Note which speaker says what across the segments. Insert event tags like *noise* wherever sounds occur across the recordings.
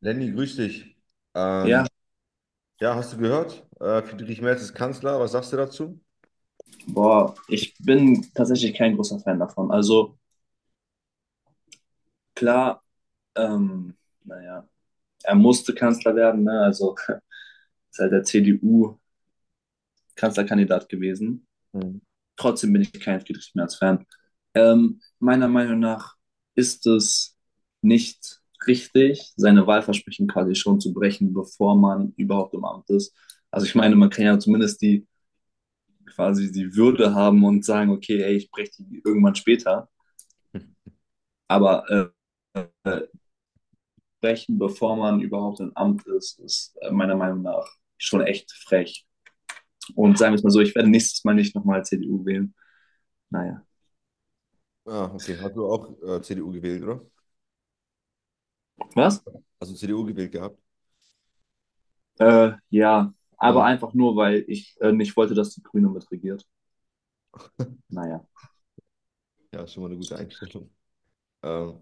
Speaker 1: Lenny, grüß dich. Ähm,
Speaker 2: Ja,
Speaker 1: ja, hast du gehört? Friedrich Merz ist Kanzler. Was sagst du dazu?
Speaker 2: boah, ich bin tatsächlich kein großer Fan davon. Also klar, ähm, naja, er musste Kanzler werden, ne? Also *laughs* ist halt der CDU Kanzlerkandidat gewesen.
Speaker 1: Mhm.
Speaker 2: Trotzdem bin ich kein Friedrich Merz Fan. Meiner Meinung nach ist es nicht richtig, seine Wahlversprechen quasi schon zu brechen, bevor man überhaupt im Amt ist. Also ich meine, man kann ja zumindest die Würde haben und sagen, okay, ey, ich breche die irgendwann später. Aber äh, brechen, bevor man überhaupt im Amt ist, ist meiner Meinung nach schon echt frech. Und sagen wir es mal so, ich werde nächstes Mal nicht nochmal CDU wählen. Naja.
Speaker 1: Ah, okay. Hast du auch CDU gewählt, oder?
Speaker 2: Was?
Speaker 1: Hast du CDU gewählt gehabt?
Speaker 2: Ja, aber
Speaker 1: Mhm.
Speaker 2: einfach nur, weil ich nicht wollte, dass die Grüne mitregiert.
Speaker 1: *laughs*
Speaker 2: Naja.
Speaker 1: Ja, schon mal eine gute Einstellung. Ähm,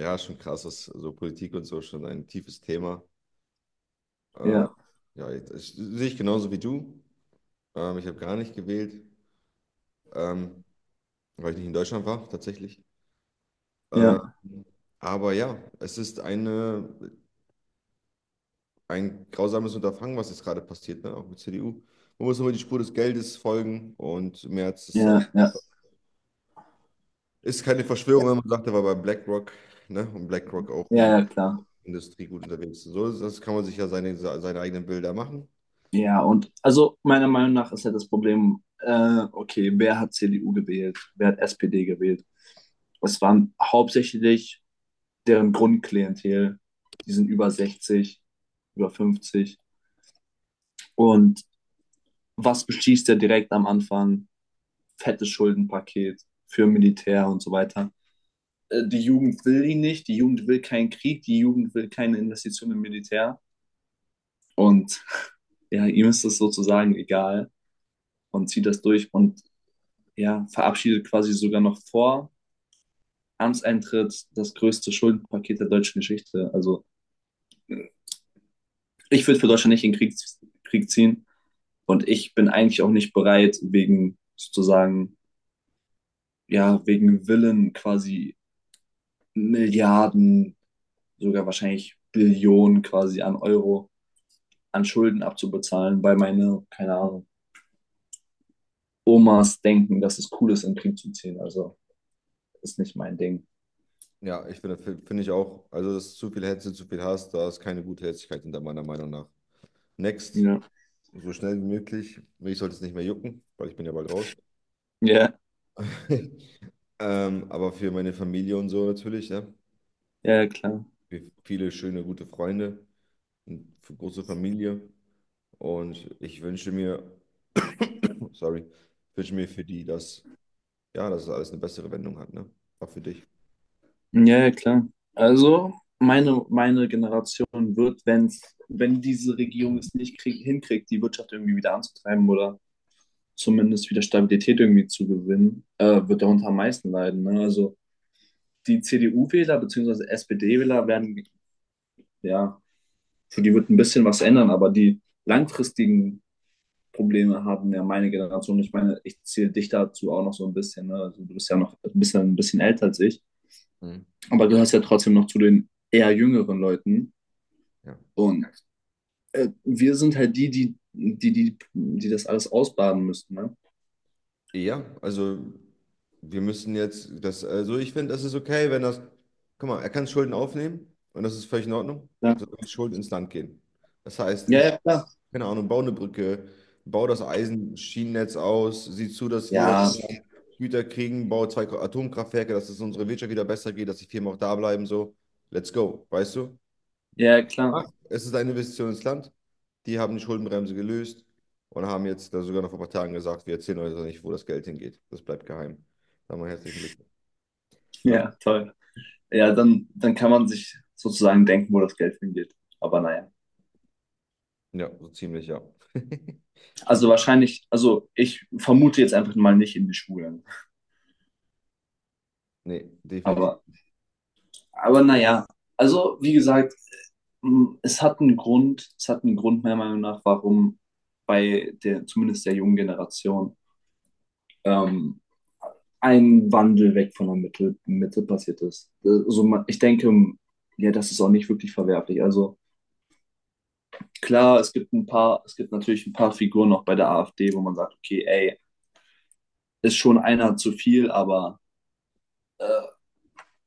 Speaker 1: ja, schon krass, was so Politik und so schon ein tiefes Thema. Äh,
Speaker 2: Ja,
Speaker 1: ja, jetzt, sehe ich genauso wie du. Ich habe gar nicht gewählt, ähm, weil ich nicht in Deutschland war, tatsächlich. Äh,
Speaker 2: ja,
Speaker 1: aber ja, ein grausames Unterfangen, was jetzt gerade passiert, ne? Auch mit CDU. Man muss immer die Spur des Geldes folgen und Merz ist auch.
Speaker 2: ja, ja,
Speaker 1: Ist keine Verschwörung, wenn man sagt, er war bei BlackRock, ne? Und BlackRock auch
Speaker 2: ja,
Speaker 1: in der
Speaker 2: ja, klar.
Speaker 1: Industrie gut unterwegs ist. So, das kann man sich ja seine eigenen Bilder machen.
Speaker 2: Ja, und also meiner Meinung nach ist halt das Problem, okay, wer hat CDU gewählt? Wer hat SPD gewählt? Es waren hauptsächlich deren Grundklientel, die sind über 60, über 50. Und was beschließt er direkt am Anfang? Fettes Schuldenpaket für Militär und so weiter. Die Jugend will ihn nicht, die Jugend will keinen Krieg, die Jugend will keine Investition im Militär. Und *laughs* ja, ihm ist das sozusagen egal und zieht das durch und ja, verabschiedet quasi sogar noch vor Amtseintritt das größte Schuldenpaket der deutschen Geschichte. Also ich würde für Deutschland nicht in den Krieg ziehen. Und ich bin eigentlich auch nicht bereit, wegen sozusagen, ja, wegen Willen quasi Milliarden, sogar wahrscheinlich Billionen quasi an Euro an Schulden abzubezahlen, weil meine, keine Ahnung, Omas denken, dass es cool ist, in den Krieg zu ziehen. Also ist nicht mein Ding.
Speaker 1: Ja, finde ich auch. Also, es ist zu viel Hetze, zu viel Hass, da ist keine gute Herzlichkeit hinter meiner Meinung nach. Next,
Speaker 2: Ja,
Speaker 1: so schnell wie möglich. Mich sollte es nicht mehr jucken, weil ich bin ja bald raus.
Speaker 2: ja,
Speaker 1: *laughs* Aber für meine Familie und so natürlich, ne?
Speaker 2: ja, klar.
Speaker 1: Für viele schöne, gute Freunde, und für große Familie. Und ich wünsche mir, *clears throat* sorry, wünsche mir für ja, dass es alles eine bessere Wendung hat, ne? Auch für dich.
Speaker 2: Ja, ja, klar. Also meine Generation wird, wenn diese Regierung es
Speaker 1: *clears throat*
Speaker 2: nicht hinkriegt, die Wirtschaft irgendwie wieder anzutreiben oder zumindest wieder Stabilität irgendwie zu gewinnen, wird darunter am meisten leiden. Ne? Also die CDU-Wähler bzw. SPD-Wähler werden, ja, für die wird ein bisschen was ändern, aber die langfristigen Probleme haben ja meine Generation. Ich meine, ich zähle dich dazu auch noch so ein bisschen. Ne? Also du bist ja noch ein bisschen älter als ich,
Speaker 1: Mhm.
Speaker 2: aber du gehörst ja trotzdem noch zu den eher jüngeren Leuten.
Speaker 1: Ja.
Speaker 2: Und wir sind halt die das alles ausbaden müssten. Ne?
Speaker 1: Ja, also wir müssen jetzt das, also ich finde, das ist okay, wenn das, guck mal, er kann Schulden aufnehmen und das ist völlig in Ordnung.
Speaker 2: Ja.
Speaker 1: Solange die Schulden ins Land gehen. Das heißt,
Speaker 2: Ja,
Speaker 1: Infra,
Speaker 2: ja, klar.
Speaker 1: keine Ahnung, bau eine Brücke, bau das Eisenschienennetz aus, sieh zu, dass wir
Speaker 2: Ja,
Speaker 1: mehr Güter kriegen, bau zwei Atomkraftwerke, dass es unserer Wirtschaft wieder besser geht, dass die Firmen auch da bleiben, so. Let's go, weißt du?
Speaker 2: ja, klar.
Speaker 1: Ja. Es ist eine Investition ins Land. Die haben die Schuldenbremse gelöst und haben jetzt da sogar noch vor ein paar Tagen gesagt, wir erzählen euch doch nicht, wo das Geld hingeht. Das bleibt geheim. Sagen wir herzlichen Glückwunsch. Und
Speaker 2: Ja, toll. Ja, dann kann man sich sozusagen denken, wo das Geld hingeht. Aber naja.
Speaker 1: ja, so ziemlich, ja. *laughs* Schon,
Speaker 2: Also wahrscheinlich, also ich vermute jetzt einfach mal nicht in die Schulen.
Speaker 1: nee, definitiv.
Speaker 2: Aber, aber naja, also wie gesagt, es hat einen Grund, es hat einen Grund meiner Meinung nach, warum bei der, zumindest der jungen Generation, ähm, ein Wandel weg von der Mitte passiert ist. Also ich denke, ja, das ist auch nicht wirklich verwerflich. Also klar, es gibt ein paar, es gibt natürlich ein paar Figuren auch bei der AfD, wo man sagt, okay, ey, ist schon einer zu viel, aber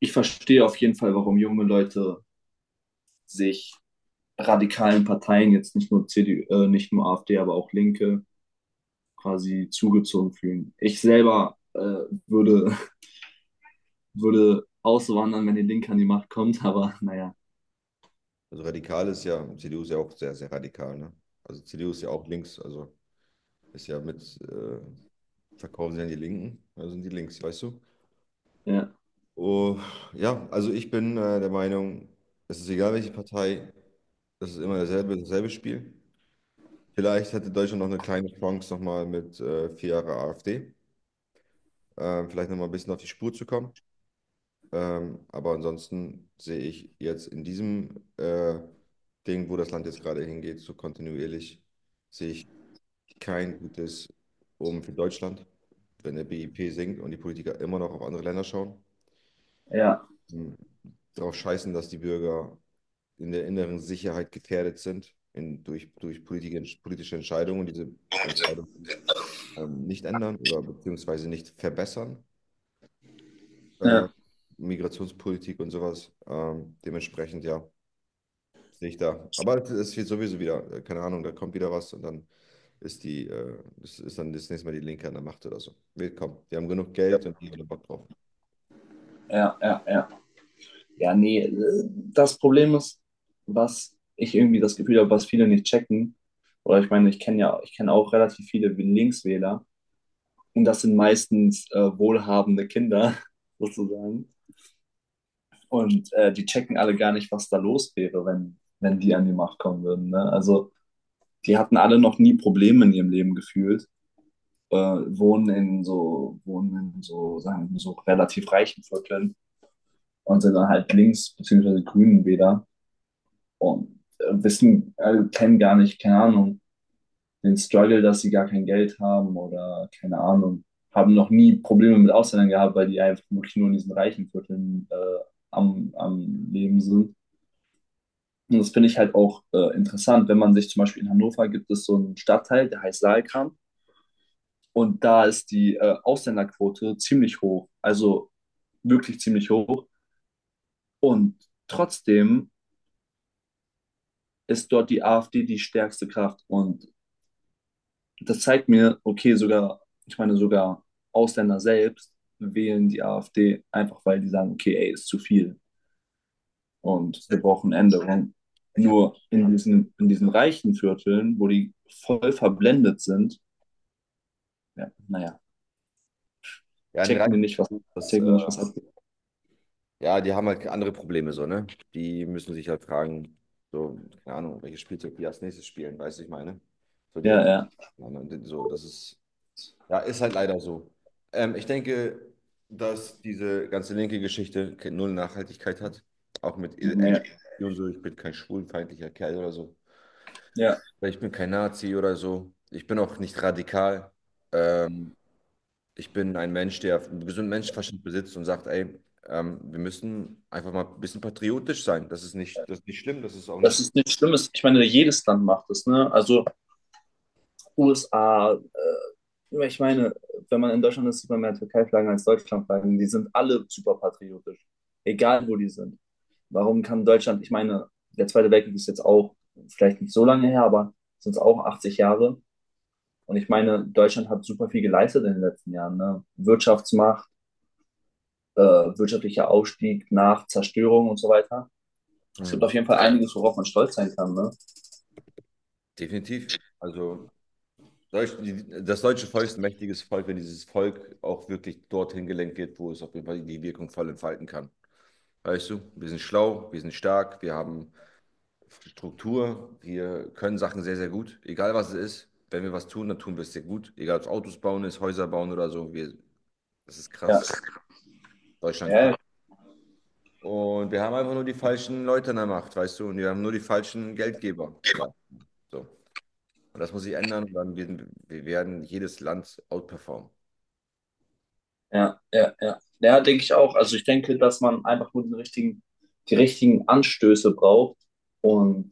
Speaker 2: ich verstehe auf jeden Fall, warum junge Leute sich radikalen Parteien, jetzt nicht nur CDU, nicht nur AfD, aber auch Linke, quasi zugezogen fühlen. Ich selber würde, *laughs* würde auswandern, wenn die Linke an die Macht kommt, aber *laughs* naja,
Speaker 1: Also radikal ist ja, CDU ist ja auch sehr, sehr radikal, ne? Also CDU ist ja auch links, also ist ja verkaufen sie an die Linken, also sind die links, weißt du?
Speaker 2: ja,
Speaker 1: Oh, ja, also ich bin der Meinung, es ist egal, welche Partei, das ist immer dasselbe, dasselbe Spiel. Vielleicht hätte Deutschland noch eine kleine Chance, nochmal mit 4 Jahre AfD, vielleicht nochmal ein bisschen auf die Spur zu kommen. Aber ansonsten sehe ich jetzt in diesem Ding, wo das Land jetzt gerade hingeht, so kontinuierlich, sehe ich kein gutes Omen für Deutschland, wenn der BIP sinkt und die Politiker immer noch auf andere Länder schauen,
Speaker 2: ja,
Speaker 1: m, darauf scheißen, dass die Bürger in der inneren Sicherheit gefährdet sind durch politische Entscheidungen. Diese Entscheidungen nicht ändern oder beziehungsweise nicht verbessern. Äh,
Speaker 2: ja,
Speaker 1: Migrationspolitik und sowas. Dementsprechend, ja, sehe ich da. Aber es wird sowieso wieder, keine Ahnung, da kommt wieder was und dann ist dann das nächste Mal die Linke an der Macht oder so. Wird Willkommen. Die haben genug Geld und die haben da Bock drauf.
Speaker 2: ja, ja, ja. Ja, nee, das Problem ist, was ich irgendwie das Gefühl habe, was viele nicht checken, oder ich meine, ich kenne ja, ich kenne auch relativ viele Linkswähler. Und das sind meistens wohlhabende Kinder *laughs* sozusagen. Und die checken alle gar nicht, was da los wäre, wenn die an die Macht kommen würden. Ne? Also die hatten alle noch nie Probleme in ihrem Leben gefühlt, wohnen in so, sagen wir, so relativ reichen Vierteln und sind dann halt links beziehungsweise grünen Wähler und kennen gar nicht, keine Ahnung, den Struggle, dass sie gar kein Geld haben oder keine Ahnung, haben noch nie Probleme mit Ausländern gehabt, weil die einfach wirklich nur in diesen reichen Vierteln am Leben sind. Und das finde ich halt auch interessant, wenn man sich zum Beispiel in Hannover gibt es so einen Stadtteil, der heißt Saalkamp. Und da ist die Ausländerquote ziemlich hoch, also wirklich ziemlich hoch. Und trotzdem ist dort die AfD die stärkste Kraft. Und das zeigt mir, okay, sogar, ich meine, sogar Ausländer selbst wählen die AfD einfach, weil die sagen, okay, ey, ist zu viel und wir brauchen Änderungen.
Speaker 1: Ich habe
Speaker 2: Nur in diesen reichen Vierteln, wo die voll verblendet sind, ja, naja,
Speaker 1: Ja, den
Speaker 2: checken die
Speaker 1: Reichen,
Speaker 2: nicht, was,
Speaker 1: das, äh,
Speaker 2: checken nicht, was abgeht.
Speaker 1: ja, die haben halt andere Probleme so, ne? Die müssen sich halt fragen, so, keine Ahnung, welches Spielzeug die als nächstes spielen, weißt du, ich meine. So, die,
Speaker 2: Ja, ja,
Speaker 1: so, das ist Ja, ist halt leider so. Ich denke, dass diese ganze linke Geschichte null Nachhaltigkeit hat. Auch mit
Speaker 2: ja, ja.
Speaker 1: LGBT und so. Ich bin kein schwulenfeindlicher Kerl oder so.
Speaker 2: Ja,
Speaker 1: Weil ich bin kein Nazi oder so. Ich bin auch nicht radikal. Ähm, ich bin ein Mensch, der einen gesunden Menschenverstand besitzt und sagt, ey, wir müssen einfach mal ein bisschen patriotisch sein. Das ist nicht schlimm, das ist auch
Speaker 2: das
Speaker 1: nicht.
Speaker 2: ist nichts Schlimmes. Ich meine, jedes Land macht es, ne? Also USA, ich meine, wenn man in Deutschland ist, sieht man mehr Türkei-Flaggen als Deutschland-Flaggen. Die sind alle super patriotisch, egal wo die sind. Warum kann Deutschland, ich meine, der Zweite Weltkrieg ist jetzt auch vielleicht nicht so lange her, aber sind es auch 80 Jahre. Und ich meine, Deutschland hat super viel geleistet in den letzten Jahren. Ne? Wirtschaftsmacht, wirtschaftlicher Aufstieg nach Zerstörung und so weiter. Es gibt
Speaker 1: Mhm.
Speaker 2: auf jeden Fall einiges, worauf man stolz sein kann. Ne?
Speaker 1: Definitiv. Also das deutsche Volk ist ein mächtiges Volk, wenn dieses Volk auch wirklich dorthin gelenkt wird, wo es auf jeden Fall die Wirkung voll entfalten kann. Weißt du, wir sind schlau, wir sind stark, wir haben Struktur, wir können Sachen sehr, sehr gut. Egal was es ist, wenn wir was tun, dann tun wir es sehr gut. Egal ob es Autos bauen ist, Häuser bauen oder so. Wir, das ist
Speaker 2: Ja,
Speaker 1: krass. Deutschland
Speaker 2: ja,
Speaker 1: kann.
Speaker 2: ja.
Speaker 1: Und wir haben einfach nur die falschen Leute in der Macht, weißt du, und wir haben nur die falschen Geldgeber. So. Und das muss sich ändern, dann werden wir werden jedes Land outperformen.
Speaker 2: Ja, ja, ja. Ja, denke ich auch. Also ich denke, dass man einfach nur die richtigen Anstöße braucht und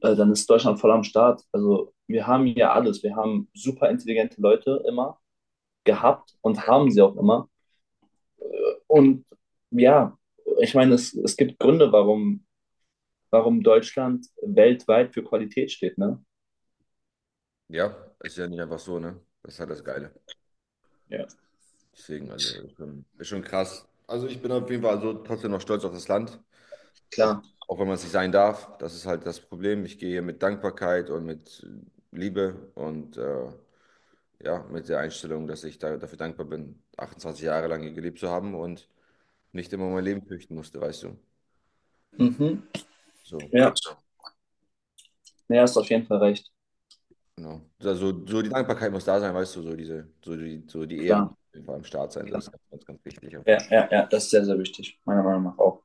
Speaker 2: dann ist Deutschland voll am Start. Also wir haben hier alles. Wir haben super intelligente Leute immer
Speaker 1: Mhm.
Speaker 2: gehabt und haben sie auch immer. Und ja, ich meine, es gibt Gründe, warum Deutschland weltweit für Qualität steht, ne?
Speaker 1: Ja, ist ja nicht einfach so, ne? Das ist halt das Geile.
Speaker 2: Ja.
Speaker 1: Deswegen, also, ist schon krass. Also, ich bin auf jeden Fall also trotzdem noch stolz auf das Land, auf,
Speaker 2: Klar.
Speaker 1: auch wenn man es nicht sein darf. Das ist halt das Problem. Ich gehe hier mit Dankbarkeit und mit Liebe und ja, mit der Einstellung, dafür dankbar bin, 28 Jahre lang hier gelebt zu haben und nicht immer mein Leben fürchten musste, weißt du?
Speaker 2: Mhm.
Speaker 1: So,
Speaker 2: Ja, so. Ja, hast auf jeden Fall recht.
Speaker 1: genau. Also, so die Dankbarkeit muss da sein, weißt du, so die Ehre muss
Speaker 2: Klar,
Speaker 1: auf jeden Fall am Start sein. So, das
Speaker 2: klar.
Speaker 1: ist ganz, ganz, ganz wichtig auf
Speaker 2: Ja,
Speaker 1: jeden Fall.
Speaker 2: ja, ja, das ist sehr, sehr wichtig, meiner Meinung nach auch.